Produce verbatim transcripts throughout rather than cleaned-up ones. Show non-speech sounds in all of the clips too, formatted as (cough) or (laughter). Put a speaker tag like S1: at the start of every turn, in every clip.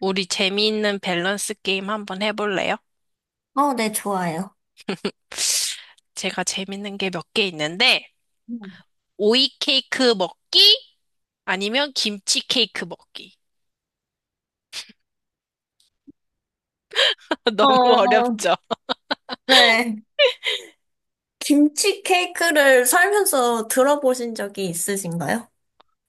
S1: 우리 재미있는 밸런스 게임 한번 해볼래요?
S2: 어, 네, 좋아요.
S1: 제가 재밌는 게 몇 개 있는데,
S2: 음.
S1: 오이 케이크 먹기 아니면 김치 케이크 먹기. (laughs) 너무
S2: 어,
S1: 어렵죠?
S2: 네. 김치 케이크를 살면서 들어보신 적이 있으신가요?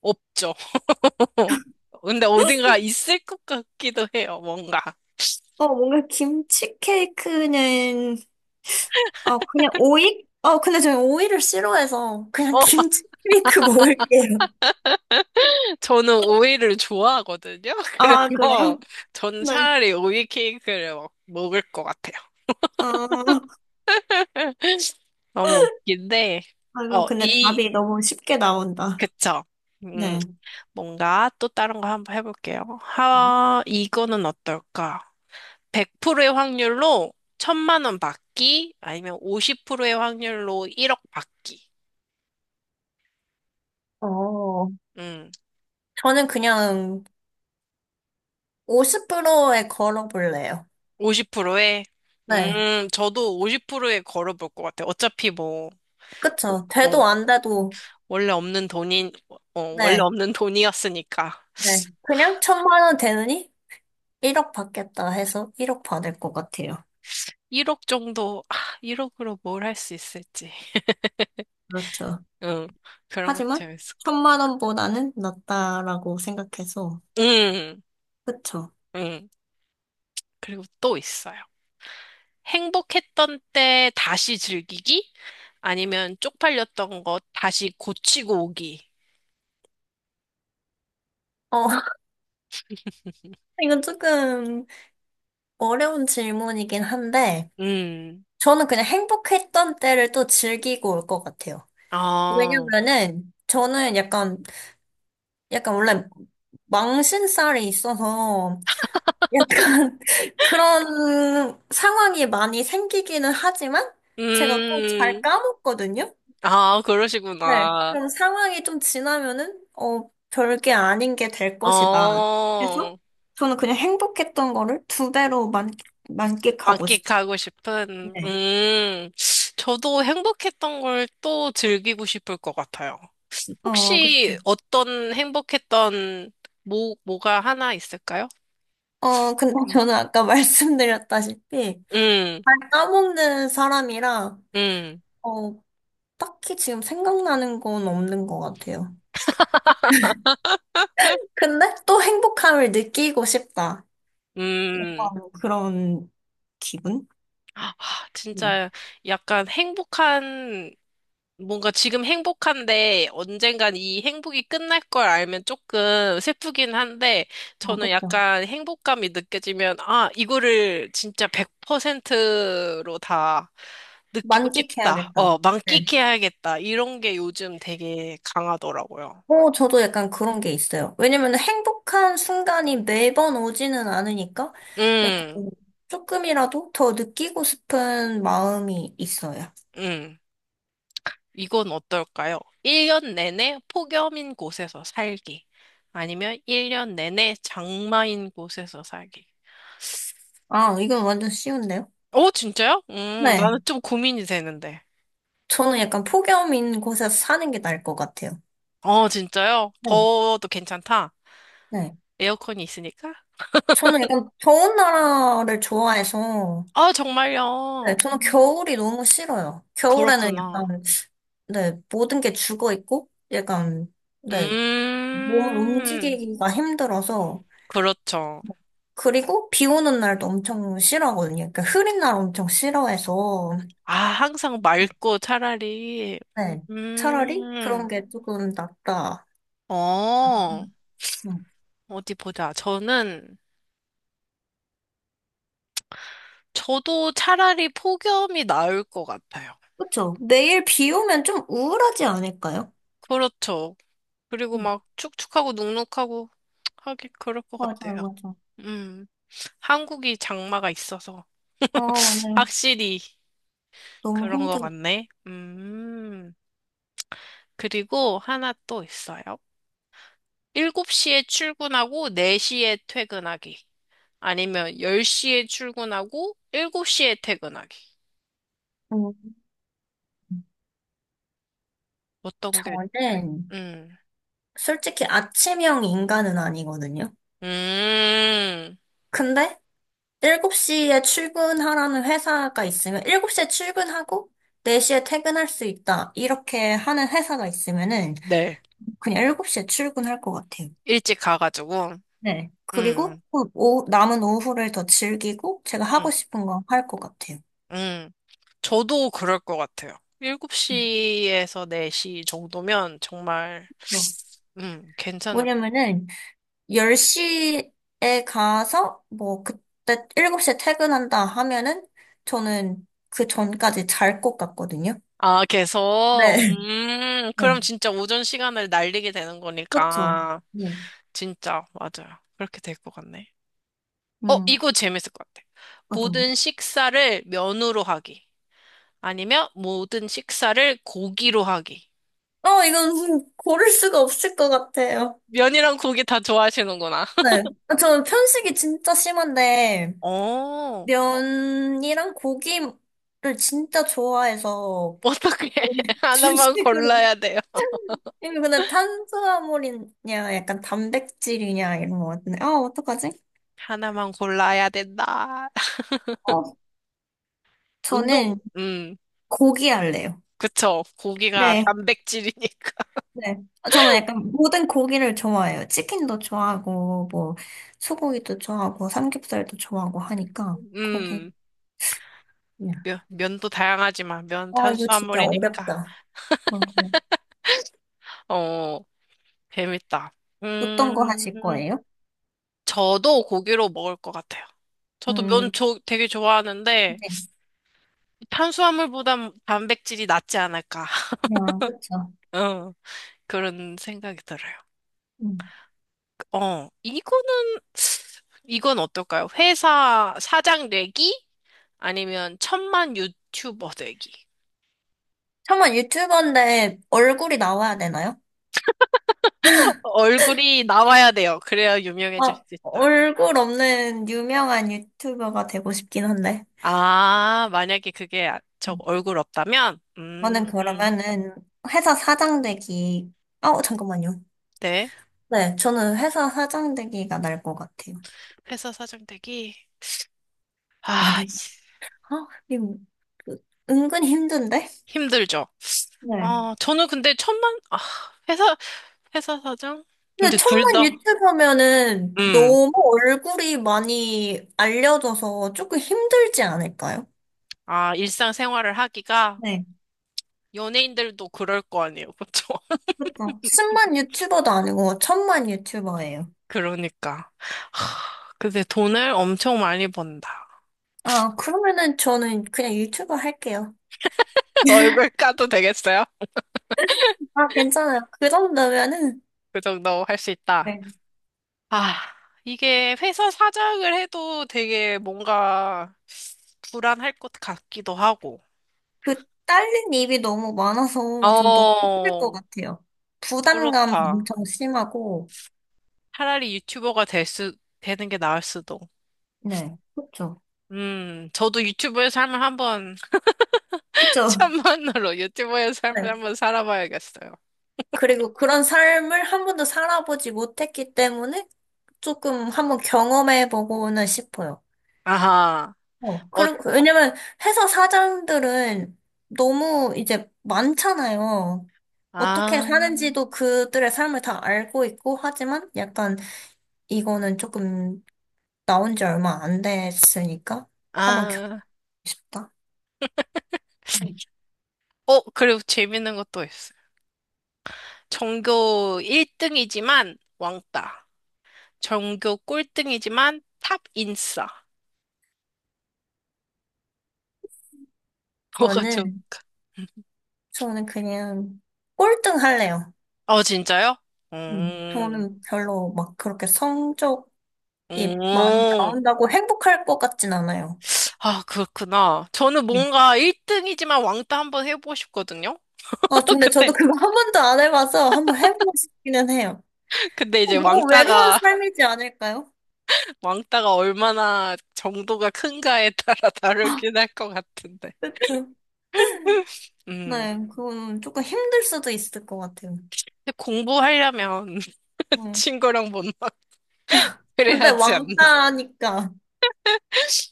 S1: 없죠. (laughs) 근데 어딘가 있을 것 같기도 해요, 뭔가.
S2: 어, 뭔가 김치 케이크는, 어, 그냥 오이? 어, 근데 저는 오이를 싫어해서 그냥
S1: 어,
S2: 김치 케이크 먹을게요.
S1: (laughs) 저는 오이를 좋아하거든요. (laughs)
S2: 아, (laughs)
S1: 그래서
S2: 그래요?
S1: 전
S2: 네.
S1: 차라리 오이 케이크를 먹, 을것 같아요.
S2: 어,
S1: 너무 웃긴데,
S2: 아이고,
S1: 어,
S2: 근데
S1: 이,
S2: 답이 너무 쉽게 나온다.
S1: 그쵸. 음,
S2: 네.
S1: 뭔가 또 다른 거 한번 해볼게요. 하, 이거는 어떨까? 백 퍼센트의 확률로 천만 원 받기 아니면 오십 퍼센트의 확률로 일억 받기.
S2: 어,
S1: 음,
S2: 저는 그냥 오십 프로에 걸어볼래요.
S1: 오십 퍼센트에.
S2: 네.
S1: 음, 저도 오십 퍼센트에 걸어볼 것 같아요. 어차피 뭐, 어,
S2: 그쵸.
S1: 어,
S2: 돼도 안 돼도
S1: 원래 없는 돈인, 어, 원래
S2: 네,
S1: 없는 돈이었으니까.
S2: 네. 그냥 천만 원 되느니 일억 받겠다 해서 일억 받을 것 같아요.
S1: 일억 정도, 아, 일억으로 뭘 할 수 있을지.
S2: 그렇죠.
S1: 응, 그런 것도
S2: 하지만
S1: 재밌을 것 같아요.
S2: 천만 원보다는 낫다라고 생각해서, 그쵸.
S1: 응, 응. 그리고 또 있어요. 행복했던 때 다시 즐기기? 아니면 쪽팔렸던 거 다시 고치고 오기?
S2: 어, (laughs)
S1: (laughs)
S2: 이건 조금 어려운 질문이긴 한데,
S1: 음,
S2: 저는 그냥 행복했던 때를 또 즐기고 올 것 같아요.
S1: 아,
S2: 왜냐면은, 저는 약간, 약간 원래 망신살이 있어서, 약간 (laughs) 그런 상황이 많이 생기기는 하지만 제가 또 잘
S1: 음,
S2: 까먹거든요.
S1: 아,
S2: 네.
S1: 그러시구나.
S2: 그럼 상황이 좀 지나면은 어, 별게 아닌 게 될 것이다. 그래서
S1: 어,
S2: 저는 그냥 행복했던 거를 두 배로 만, 만끽하고
S1: 만끽하고 싶은,
S2: 싶은데.
S1: 음, 저도 행복했던 걸 또 즐기고 싶을 것 같아요.
S2: 어, 그쵸.
S1: 혹시 어떤 행복했던 뭐, 뭐가 하나 있을까요?
S2: 어, 근데
S1: 음.
S2: 저는 아까 (laughs) 말씀드렸다시피
S1: 음.
S2: 잘 까먹는 사람이라
S1: 음.
S2: 어, 딱히 지금 생각나는 건 없는 것 같아요. 근데 또 행복함을 느끼고 싶다.
S1: 음.
S2: 약간 그런 기분?
S1: 아,
S2: 네.
S1: 진짜 약간 행복한, 뭔가 지금 행복한데 언젠간 이 행복이 끝날 걸 알면 조금 슬프긴 한데
S2: 어,
S1: 저는
S2: 그쵸.
S1: 약간 행복감이 느껴지면 아, 이거를 진짜 백 퍼센트로 다 느끼고 싶다.
S2: 만끽해야겠다.
S1: 어,
S2: 네.
S1: 만끽해야겠다. 이런 게 요즘 되게 강하더라고요.
S2: 어, 저도 약간 그런 게 있어요. 왜냐면 행복한 순간이 매번 오지는 않으니까 약간
S1: 음.
S2: 조금이라도 더 느끼고 싶은 마음이 있어요.
S1: 음. 이건 어떨까요? 일 년 내내 폭염인 곳에서 살기. 아니면 일 년 내내 장마인 곳에서 살기.
S2: 아, 이건 완전 쉬운데요?
S1: 오, 진짜요? 음,
S2: 네.
S1: 나는 좀 고민이 되는데.
S2: 저는 약간 폭염인 곳에서 사는 게 나을 것 같아요.
S1: 어, 진짜요?
S2: 네.
S1: 더워도 괜찮다.
S2: 네.
S1: 에어컨이 있으니까?
S2: 저는 약간 더운 나라를 좋아해서
S1: 아, 정말요?
S2: 네, 저는
S1: 음,
S2: 겨울이 너무 싫어요. 겨울에는
S1: 그렇구나.
S2: 약간, 네, 모든 게 죽어 있고, 약간, 네, 몸을
S1: 음,
S2: 움직이기가 힘들어서,
S1: 그렇죠.
S2: 그리고 비 오는 날도 엄청 싫어하거든요. 그러니까 흐린 날 엄청 싫어해서,
S1: 아, 항상 맑고 차라리, 음,
S2: 네, 차라리 그런
S1: 음.
S2: 게 조금 낫다. 음,
S1: 어,
S2: 음.
S1: 어디 보자. 저는, 저도 차라리 폭염이 나을 것 같아요.
S2: 그쵸? 매일 비 오면 좀 우울하지 않을까요?
S1: 그렇죠. 그리고
S2: 음,
S1: 막 축축하고 눅눅하고 하기 그럴 것
S2: 맞아요,
S1: 같아요.
S2: 맞아요.
S1: 음, 한국이 장마가 있어서
S2: 아, 맞아요.
S1: 확실히
S2: 너무
S1: 그런 것
S2: 힘들어.
S1: 같네. 음, 그리고 하나 또 있어요. 일곱 시에 출근하고 네 시에 퇴근하기. 아니면 열 시에 출근하고 일곱 시에 퇴근하기.
S2: 음,
S1: 어떤 게,
S2: 저는
S1: 음,
S2: 솔직히 아침형 인간은 아니거든요.
S1: 음,
S2: 근데 일곱 시에 출근하라는 회사가 있으면 일곱 시에 출근하고 네 시에 퇴근할 수 있다. 이렇게 하는 회사가 있으면은
S1: 네.
S2: 그냥 일곱 시에 출근할 것 같아요.
S1: 일찍 가가지고,
S2: 네. 그리고
S1: 음.
S2: 또 오 남은 오후를 더 즐기고 제가
S1: 음.
S2: 하고 싶은 거 할 것 같아요.
S1: 음. 저도 그럴 것 같아요.
S2: 음,
S1: 일곱 시에서 네 시 정도면 정말,
S2: 뭐,
S1: 음, 괜찮을,
S2: 왜냐면은 열 시에 가서 뭐 그때 일곱 시에 퇴근한다 하면은 저는 그 전까지 잘 것 같거든요.
S1: 아, 계속?
S2: 네.
S1: 음,
S2: (laughs)
S1: 그럼
S2: 네.
S1: 진짜 오전 시간을 날리게 되는
S2: 그렇죠.
S1: 거니까.
S2: 네.
S1: 진짜, 맞아요. 그렇게 될 것 같네. 어,
S2: 음.
S1: 이거 재밌을 것 같아.
S2: 맞아요.
S1: 모든 식사를 면으로 하기. 아니면 모든 식사를 고기로 하기.
S2: 어, 이건 고를 수가 없을 것 같아요.
S1: 면이랑 고기 다 좋아하시는구나. (laughs)
S2: 네. 저 편식이 진짜 심한데,
S1: 어,
S2: 면이랑 고기를 진짜 좋아해서,
S1: 어떻게
S2: 거의
S1: (laughs)
S2: (laughs)
S1: 하나만
S2: 주식으로.
S1: 골라야 돼요.
S2: 이거 근데 탄수화물이냐, 약간 단백질이냐, 이런 것 같은데. 아, 어떡하지?
S1: 하나만 골라야 된다. (laughs)
S2: 어,
S1: 운동,
S2: 저는
S1: 음,
S2: 고기 할래요.
S1: 그쵸. 고기가
S2: 네.
S1: 단백질이니까.
S2: 네. 저는 약간 모든 고기를 좋아해요. 치킨도 좋아하고, 뭐, 소고기도 좋아하고, 삼겹살도 좋아하고 하니까, 고기.
S1: 음, 면, 면도 다양하지만, 면
S2: 아, 이거 진짜
S1: 탄수화물이니까.
S2: 어렵다. 어,
S1: 어, 재밌다.
S2: 어떤 거
S1: 음,
S2: 하실 거예요?
S1: 저도 고기로 먹을 것 같아요. 저도 면
S2: 음,
S1: 조, 되게 좋아하는데,
S2: 네.
S1: 탄수화물보단 단백질이 낫지 않을까. (laughs)
S2: 그냥, 그쵸.
S1: 어, 그런 생각이 들어요.
S2: 음.
S1: 어, 이거는, 이건 어떨까요? 회사 사장 내기? 아니면 천만 유튜버 되기.
S2: 설마 유튜버인데 얼굴이 나와야 되나요?
S1: 얼굴이 나와야 돼요. 그래야 유명해질
S2: 아,
S1: 수 있다.
S2: 얼굴 없는 유명한 유튜버가 되고 싶긴 한데.
S1: 아, 만약에 그게 아- 저
S2: 음.
S1: 얼굴 없다면? 음,
S2: 저는
S1: 음,
S2: 그러면은 회사 사장 되기, 아, 잠깐만요.
S1: 네.
S2: 네, 저는 회사 사장 되기가 날 것 같아요.
S1: 회사 사장 되기. 아,
S2: 아니,
S1: 씨,
S2: 아, 이거 은근 힘든데?
S1: 힘들죠.
S2: 네.
S1: 아, 저는 근데 천만, 아, 회사, 회사 사장?
S2: 근데
S1: 근데 둘
S2: 천만
S1: 다,
S2: 유튜버면은
S1: 음,
S2: 너무 얼굴이 많이 알려져서 조금 힘들지 않을까요?
S1: 아, 일상생활을 하기가
S2: 네,
S1: 연예인들도 그럴 거 아니에요. 그쵸? (laughs)
S2: 그렇죠. 십만 유튜버도 아니고 천만 유튜버예요.
S1: 그러니까. 하, 근데 돈을 엄청 많이 번다.
S2: 아, 그러면은 저는 그냥 유튜버 할게요.
S1: (laughs)
S2: (laughs)
S1: 얼굴 까도 되겠어요?
S2: 아, 괜찮아요. 그 정도면은
S1: 그 정도 할 수 있다.
S2: 네.
S1: 아, 이게 회사 사장을 해도 되게 뭔가 불안할 것 같기도 하고.
S2: 그 딸린 입이 너무 많아서 좀 너무 힘들 것
S1: 어,
S2: 같아요. 부담감
S1: 그렇다.
S2: 엄청 심하고.
S1: 차라리 유튜버가 될 수, 되는 게 나을 수도.
S2: 네, 그렇죠.
S1: 음, 저도 유튜버의 삶을 한번, (laughs)
S2: 그렇죠.
S1: 천만으로 유튜버의 삶을 한번 살아봐야겠어요.
S2: 그리고 그런 삶을 한 번도 살아보지 못했기 때문에 조금 한번 경험해보고는 싶어요.
S1: 아하,
S2: 어,
S1: 어,
S2: 그리고, 왜냐면 회사 사장들은 너무 이제 많잖아요. 어떻게
S1: 아,
S2: 사는지도 그들의 삶을 다 알고 있고, 하지만 약간 이거는 조금 나온 지 얼마 안 됐으니까 한번 겪고
S1: 아.
S2: 싶다. 네.
S1: 어, 그리고 재밌는 것도 있어요. 전교 일 등이지만 왕따. 전교 꼴등이지만 탑 인싸. 뭐가 좀,
S2: 저는, 저는 그냥 꼴등 할래요.
S1: 어, 진짜요?
S2: 음,
S1: 음.
S2: 저는 별로 막 그렇게 성적 이 많이
S1: 음.
S2: 나온다고 행복할 것 같진 않아요.
S1: 아, 그렇구나. 저는
S2: 네.
S1: 뭔가 일 등이지만 왕따 한번 해보고 싶거든요?
S2: 아,
S1: (laughs)
S2: 근데
S1: 근데,
S2: 저도 그거 한 번도 안 해봐서 한번 해보고 싶기는 해요.
S1: 근데
S2: 어,
S1: 이제
S2: 너무 외로운
S1: 왕따가,
S2: 삶이지 않을까요?
S1: (laughs) 왕따가 얼마나 정도가 큰가에 따라 (laughs) 다르긴 할 것 같은데.
S2: 그쵸.
S1: 음.
S2: 네, 그건 조금 힘들 수도 있을 것 같아요.
S1: 근데 공부하려면 (laughs)
S2: 네.
S1: 친구랑 못 놀아.
S2: 근데
S1: 그래야지 않나.
S2: 왕따니까.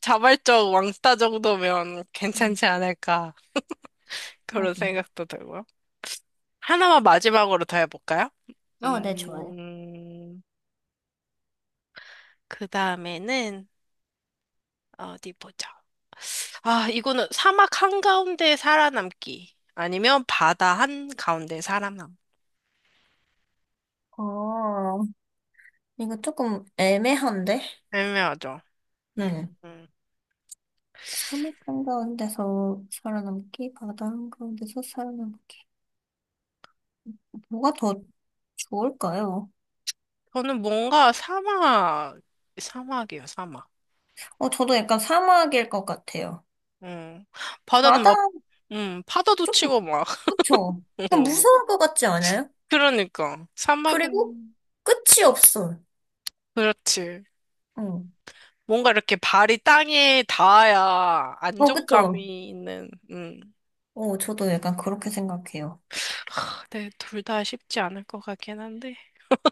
S1: 자발적 왕따 정도면
S2: 음,
S1: 괜찮지 않을까. 그런
S2: 하고.
S1: 생각도 들고요. 하나만 마지막으로 더 해볼까요?
S2: 어, 네, 좋아요.
S1: 음, 그 다음에는, 어디 보자. 아, 이거는 사막 한가운데 살아남기. 아니면 바다 한가운데 살아남.
S2: 어, 이거 조금 애매한데?
S1: 애매하죠. 음.
S2: 네.
S1: 음.
S2: 사막 한가운데서 살아남기, 바다 한가운데서 살아남기. 뭐가 더 좋을까요?
S1: 저는 뭔가 사막, 사막이에요, 사막.
S2: 어, 저도 약간 사막일 것 같아요.
S1: 음. 바다는
S2: 바다,
S1: 막, 음, 파도도
S2: 좀,
S1: 치고 막.
S2: 그쵸? 약간 무서울
S1: (laughs)
S2: 것 같지 않아요?
S1: 그러니까.
S2: 그리고
S1: 사막은,
S2: 끝이 없어.
S1: 그렇지.
S2: 어,
S1: 뭔가 이렇게 발이 땅에 닿아야
S2: 어, 그쵸?
S1: 안정감이 있는, 음.
S2: 어, 저도 약간 그렇게 생각해요.
S1: 네, 둘 다 쉽지 않을 것 같긴 한데.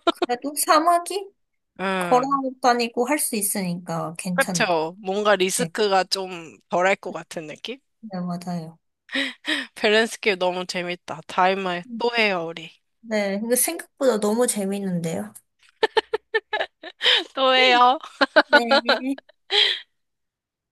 S2: 그래도 사막이
S1: 음,
S2: 걸어다니고 할 수 있으니까 괜찮을 것
S1: 그쵸. 뭔가
S2: 같아요.
S1: 리스크가 좀 덜할 것 같은 느낌?
S2: 네, 맞아요.
S1: 밸런스 게임 너무 재밌다. 다음에
S2: 음,
S1: 또 해요, 우리.
S2: 네, 이거 생각보다 너무 재밌는데요.
S1: 또
S2: 음,
S1: 해요.
S2: 네.